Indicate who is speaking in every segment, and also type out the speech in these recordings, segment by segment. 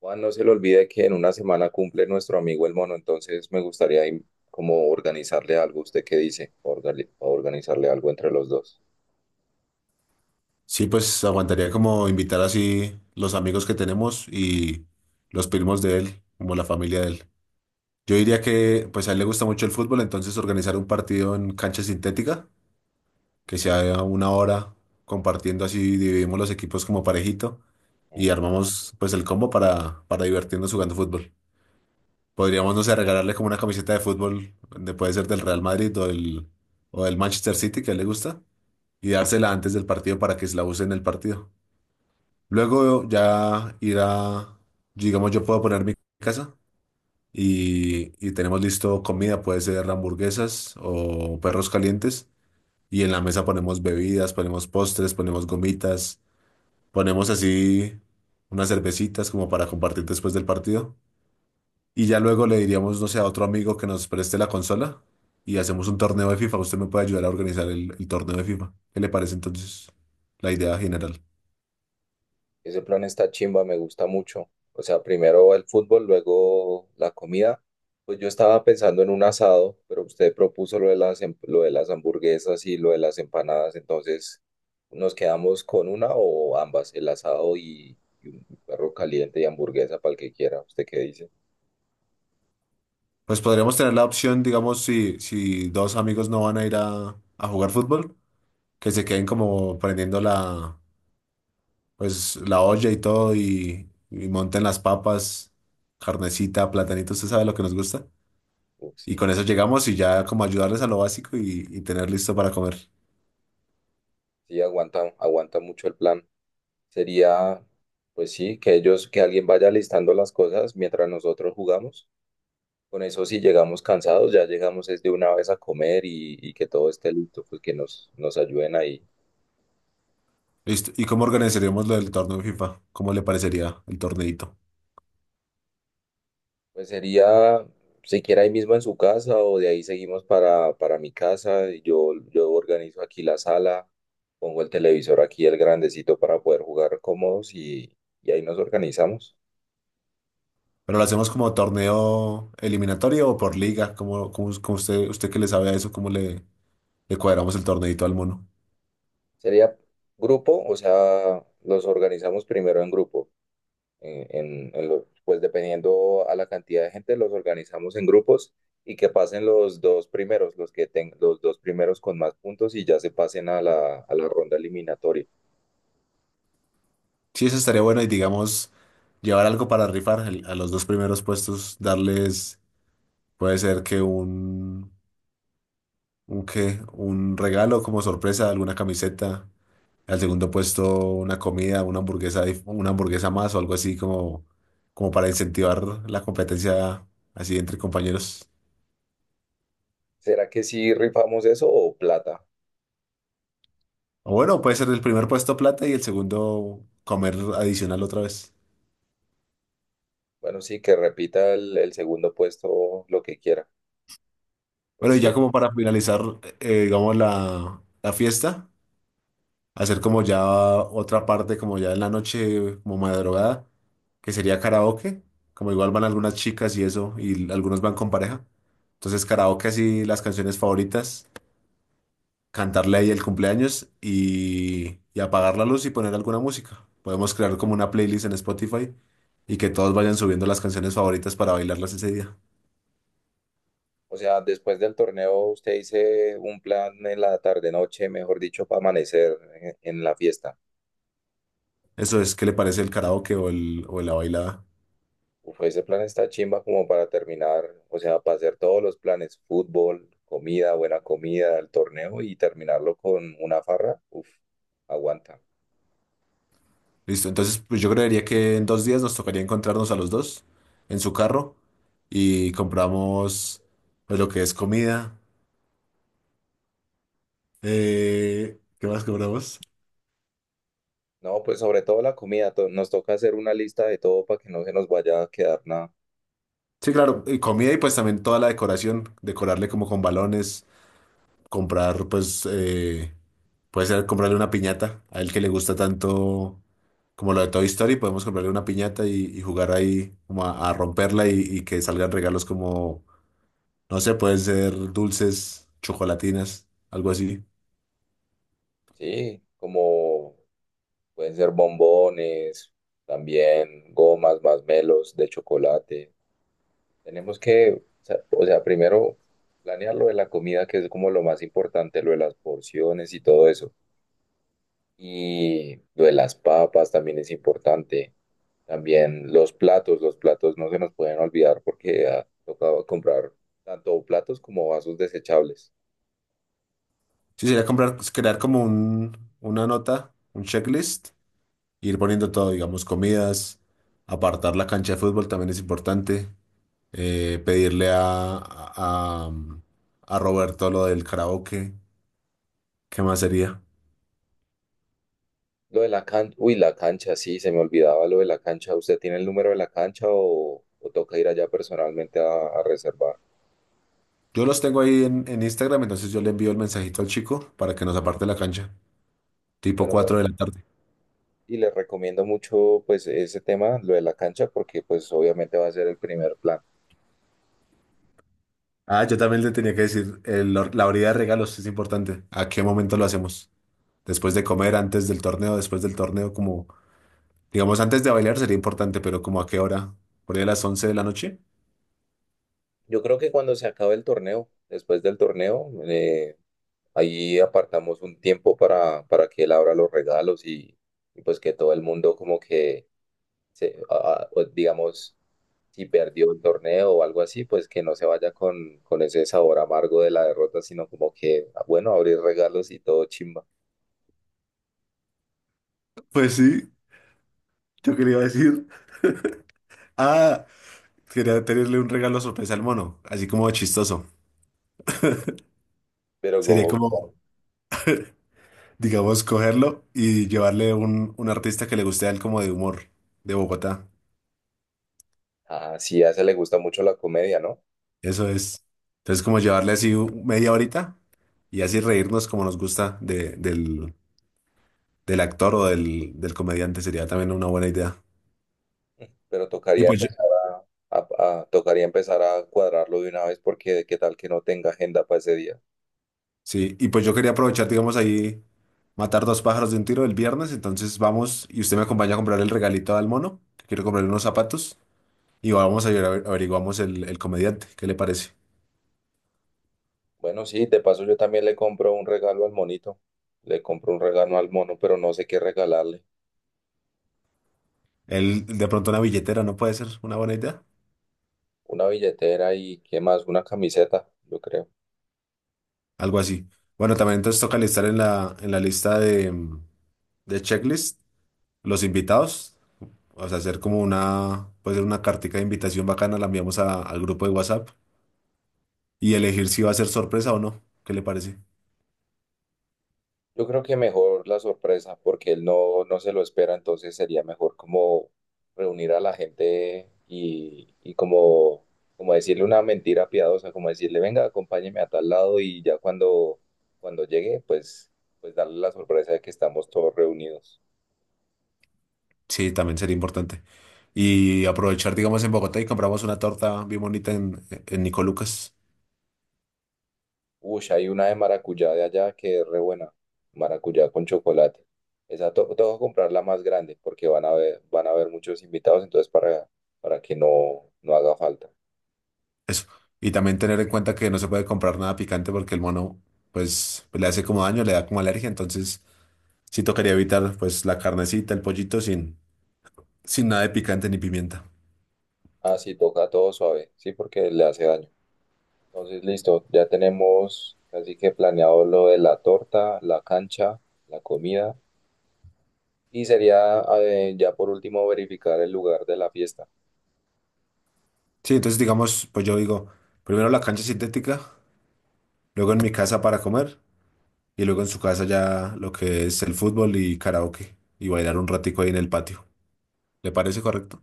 Speaker 1: Juan, no se le olvide que en una semana cumple nuestro amigo el mono, entonces me gustaría como organizarle algo. ¿Usted qué dice? Organizarle algo entre los dos.
Speaker 2: Sí, pues aguantaría como invitar así los amigos que tenemos y los primos de él, como la familia de él. Yo diría que pues a él le gusta mucho el fútbol, entonces organizar un partido en cancha sintética, que sea una hora compartiendo así, dividimos los equipos como parejito
Speaker 1: Mm.
Speaker 2: y armamos pues el combo para divertirnos jugando fútbol. Podríamos, no sé, regalarle como una camiseta de fútbol, puede ser del Real Madrid o del Manchester City, que a él le gusta, y dársela antes del partido para que se la use en el partido. Luego ya ir a, digamos, yo puedo poner mi casa y tenemos listo comida, puede ser hamburguesas o perros calientes. Y en la mesa ponemos bebidas, ponemos postres, ponemos gomitas, ponemos así unas cervecitas como para compartir después del partido. Y ya luego le diríamos, no sé, a otro amigo que nos preste la consola y hacemos un torneo de FIFA. Usted me puede ayudar a organizar el torneo de FIFA. ¿Qué le parece entonces la idea general?
Speaker 1: Ese plan está chimba, me gusta mucho. O sea, primero el fútbol, luego la comida. Pues yo estaba pensando en un asado, pero usted propuso lo de las, lo de las hamburguesas y lo de las empanadas, entonces nos quedamos con una o ambas, el asado y un perro caliente y hamburguesa para el que quiera. ¿Usted qué dice?
Speaker 2: Pues podríamos tener la opción, digamos, si dos amigos no van a ir a jugar fútbol, que se queden como prendiendo la, pues, la olla y todo y monten las papas, carnecita, platanito, usted sabe lo que nos gusta.
Speaker 1: Uf,
Speaker 2: Y
Speaker 1: sí.
Speaker 2: con eso llegamos y ya como ayudarles a lo básico y tener listo para comer.
Speaker 1: Sí, aguanta mucho el plan. Sería, pues sí, que ellos, que alguien vaya listando las cosas mientras nosotros jugamos. Con eso, si llegamos cansados, ya llegamos es de una vez a comer y que todo esté listo, pues que nos ayuden ahí.
Speaker 2: Listo. ¿Y cómo organizaríamos lo del torneo de FIFA? ¿Cómo le parecería el torneito?
Speaker 1: Pues sería, siquiera ahí mismo en su casa o de ahí seguimos para mi casa. Yo organizo aquí la sala, pongo el televisor aquí, el grandecito para poder jugar cómodos y ahí nos organizamos.
Speaker 2: ¿Pero lo hacemos como torneo eliminatorio o por liga? ¿Cómo usted, usted que le sabe a eso, cómo le, le cuadramos el torneito al mono?
Speaker 1: Sería grupo, o sea, los organizamos primero en grupo. Pues dependiendo a la cantidad de gente, los organizamos en grupos y que pasen los dos primeros, los que tengan los dos primeros con más puntos y ya se pasen a a la ronda eliminatoria.
Speaker 2: Sí, eso estaría bueno y digamos, llevar algo para rifar a los dos primeros puestos, darles, puede ser que un qué, un regalo como sorpresa, alguna camiseta, al segundo puesto una comida, una hamburguesa, una hamburguesa más o algo así como, como para incentivar la competencia así entre compañeros.
Speaker 1: ¿Será que sí rifamos eso o plata?
Speaker 2: O bueno, puede ser el primer puesto plata y el segundo comer adicional otra vez.
Speaker 1: Bueno, sí, que repita el segundo puesto lo que quiera.
Speaker 2: Bueno,
Speaker 1: Pues
Speaker 2: y
Speaker 1: sí,
Speaker 2: ya como para finalizar, digamos, la fiesta. Hacer como ya otra parte, como ya en la noche, como madrugada, que sería karaoke, como igual van algunas chicas y eso, y algunos van con pareja. Entonces karaoke así las canciones favoritas, cantarle ahí el cumpleaños y apagar la luz y poner alguna música. Podemos crear como una playlist en Spotify y que todos vayan subiendo las canciones favoritas para bailarlas ese día.
Speaker 1: o sea, después del torneo usted dice un plan en la tarde-noche, mejor dicho, para amanecer en la fiesta.
Speaker 2: Eso es, ¿qué le parece el karaoke o el, o la bailada?
Speaker 1: Uf, ese plan está chimba como para terminar, o sea, para hacer todos los planes, fútbol, comida, buena comida, el torneo y terminarlo con una farra. Uf, aguanta.
Speaker 2: Listo, entonces pues yo creería que en dos días nos tocaría encontrarnos a los dos en su carro y compramos pues, lo que es comida. ¿Qué más compramos?
Speaker 1: No, pues sobre todo la comida, nos toca hacer una lista de todo para que no se nos vaya a quedar nada.
Speaker 2: Sí, claro, y comida y pues también toda la decoración, decorarle como con balones, comprar pues, puede ser comprarle una piñata a él que le gusta tanto como lo de Toy Story, podemos comprarle una piñata y jugar ahí como a romperla y que salgan regalos como, no sé, pueden ser dulces, chocolatinas, algo así.
Speaker 1: Sí, como pueden ser bombones, también gomas, masmelos de chocolate. Tenemos que, o sea, primero planear lo de la comida, que es como lo más importante, lo de las porciones y todo eso. Y lo de las papas también es importante. También los platos no se nos pueden olvidar porque ha tocado comprar tanto platos como vasos desechables.
Speaker 2: Sí, sería comprar, pues, crear como un, una nota, un checklist, e ir poniendo todo, digamos, comidas, apartar la cancha de fútbol también es importante, pedirle a Roberto lo del karaoke, ¿qué más sería?
Speaker 1: Lo de la cancha, uy, la cancha, sí, se me olvidaba lo de la cancha. ¿Usted tiene el número de la cancha o toca ir allá personalmente a reservar?
Speaker 2: Yo los tengo ahí en Instagram, entonces yo le envío el mensajito al chico para que nos aparte la cancha, tipo
Speaker 1: Bueno,
Speaker 2: 4 de la tarde.
Speaker 1: y les recomiendo mucho pues ese tema, lo de la cancha, porque pues obviamente va a ser el primer plan.
Speaker 2: Ah, yo también le tenía que decir, la horita de regalos es importante, ¿a qué momento lo hacemos? Después de comer, antes del torneo, después del torneo, como... Digamos, antes de bailar sería importante, pero ¿como a qué hora? ¿Por ahí a las 11 de la noche?
Speaker 1: Yo creo que cuando se acabe el torneo, después del torneo, ahí apartamos un tiempo para que él abra los regalos y pues que todo el mundo como que, pues, digamos, si perdió el torneo o algo así, pues que no se vaya con ese sabor amargo de la derrota, sino como que, ah, bueno, abrir regalos y todo chimba.
Speaker 2: Pues sí, yo quería decir. Ah, quería tenerle un regalo sorpresa al mono, así como chistoso.
Speaker 1: Pero
Speaker 2: Sería
Speaker 1: como,
Speaker 2: como, digamos, cogerlo y llevarle un artista que le guste a él como de humor, de Bogotá.
Speaker 1: ah sí, a ese le gusta mucho la comedia, ¿no?
Speaker 2: Eso es. Entonces, como llevarle así media horita y así reírnos como nos gusta del, del actor o del, del comediante sería también una buena idea.
Speaker 1: Pero
Speaker 2: Y
Speaker 1: tocaría
Speaker 2: pues
Speaker 1: empezar tocaría empezar a cuadrarlo de una vez porque qué tal que no tenga agenda para ese día.
Speaker 2: sí, y pues yo quería aprovechar, digamos, ahí matar dos pájaros de un tiro el viernes, entonces vamos y usted me acompaña a comprar el regalito al mono, que quiero comprarle unos zapatos y averiguamos el comediante, ¿qué le parece?
Speaker 1: Bueno, sí, de paso yo también le compro un regalo al monito. Le compro un regalo al mono, pero no sé qué regalarle.
Speaker 2: Él, de pronto una billetera, ¿no puede ser una buena idea?
Speaker 1: Una billetera y qué más, una camiseta, yo creo.
Speaker 2: Algo así. Bueno, también entonces toca listar en la lista de, de checklist los invitados, o sea, hacer como una, puede ser una cartica de invitación bacana, la enviamos al grupo de WhatsApp y elegir si va a ser sorpresa o no, ¿qué le parece?
Speaker 1: Yo creo que mejor la sorpresa, porque él no, no se lo espera, entonces sería mejor como reunir a la gente y como, como decirle una mentira piadosa, como decirle, venga, acompáñeme a tal lado y ya cuando llegue, pues darle la sorpresa de que estamos todos reunidos.
Speaker 2: Sí, también sería importante. Y aprovechar, digamos, en Bogotá y compramos una torta bien bonita en Nico Lucas.
Speaker 1: Uy, hay una de maracuyá de allá que es re buena. Maracuyá con chocolate. Esa to tengo que comprar la más grande porque van a ver, van a haber muchos invitados, entonces para que no, no haga falta.
Speaker 2: Eso. Y también tener en cuenta que no se puede comprar nada picante porque el mono, pues, le hace como daño, le da como alergia. Entonces, sí tocaría evitar, pues, la carnecita, el pollito sin, sin nada de picante ni pimienta.
Speaker 1: Ah, sí, toca todo suave, sí, porque le hace daño. Entonces, listo, ya tenemos casi que planeado lo de la torta, la cancha, la comida. Y sería ya por último verificar el lugar de la fiesta.
Speaker 2: Sí, entonces, digamos, pues yo digo, primero la cancha sintética, luego en mi casa para comer y luego en su casa ya lo que es el fútbol y karaoke y bailar un ratico ahí en el patio. ¿Le parece correcto?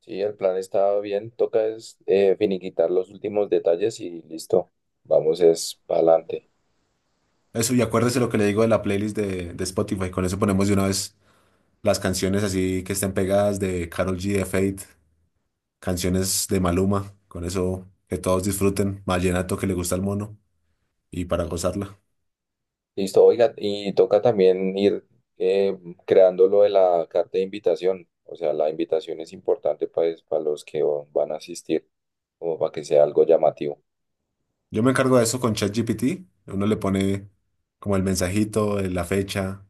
Speaker 1: Sí, el plan está bien. Toca es finiquitar los últimos detalles y listo. Vamos es para adelante.
Speaker 2: Eso, y acuérdese lo que le digo de la playlist de Spotify. Con eso ponemos de una vez las canciones así que estén pegadas de Karol G, de Fate, canciones de Maluma. Con eso que todos disfruten. Vallenato que le gusta al mono y para gozarla.
Speaker 1: Listo, oiga, y toca también ir eh, creando lo de la carta de invitación. O sea, la invitación es importante para los que van a asistir, como para que sea algo llamativo.
Speaker 2: Yo me encargo de eso con ChatGPT. Uno le pone como el mensajito, la fecha,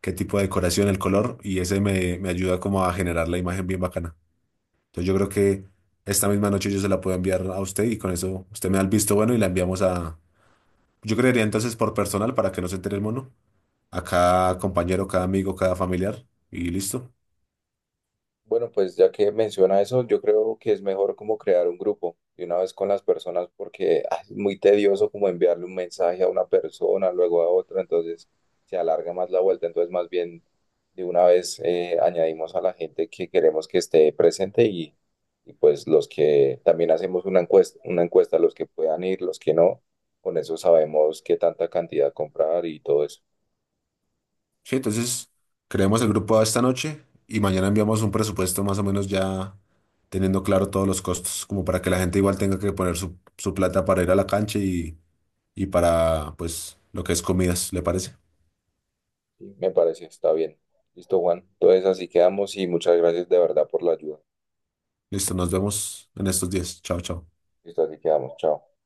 Speaker 2: qué tipo de decoración, el color, y ese me, me ayuda como a generar la imagen bien bacana. Entonces yo creo que esta misma noche yo se la puedo enviar a usted y con eso usted me da el visto bueno y la enviamos a... Yo creería entonces por personal para que no se entere el mono. A cada compañero, cada amigo, cada familiar. Y listo.
Speaker 1: Bueno, pues ya que menciona eso, yo creo que es mejor como crear un grupo de una vez con las personas porque es muy tedioso como enviarle un mensaje a una persona, luego a otra, entonces se alarga más la vuelta, entonces más bien de una vez añadimos a la gente que queremos que esté presente y pues los que también hacemos una encuesta, los que puedan ir, los que no, con eso sabemos qué tanta cantidad comprar y todo eso.
Speaker 2: Sí, entonces creamos el grupo esta noche y mañana enviamos un presupuesto más o menos ya teniendo claro todos los costos, como para que la gente igual tenga que poner su, su plata para ir a la cancha y para pues lo que es comidas, ¿le parece?
Speaker 1: Me parece, está bien. Listo, Juan. Entonces así quedamos y muchas gracias de verdad por la ayuda.
Speaker 2: Listo, nos vemos en estos días. Chao, chao.
Speaker 1: Listo, así quedamos. Chao.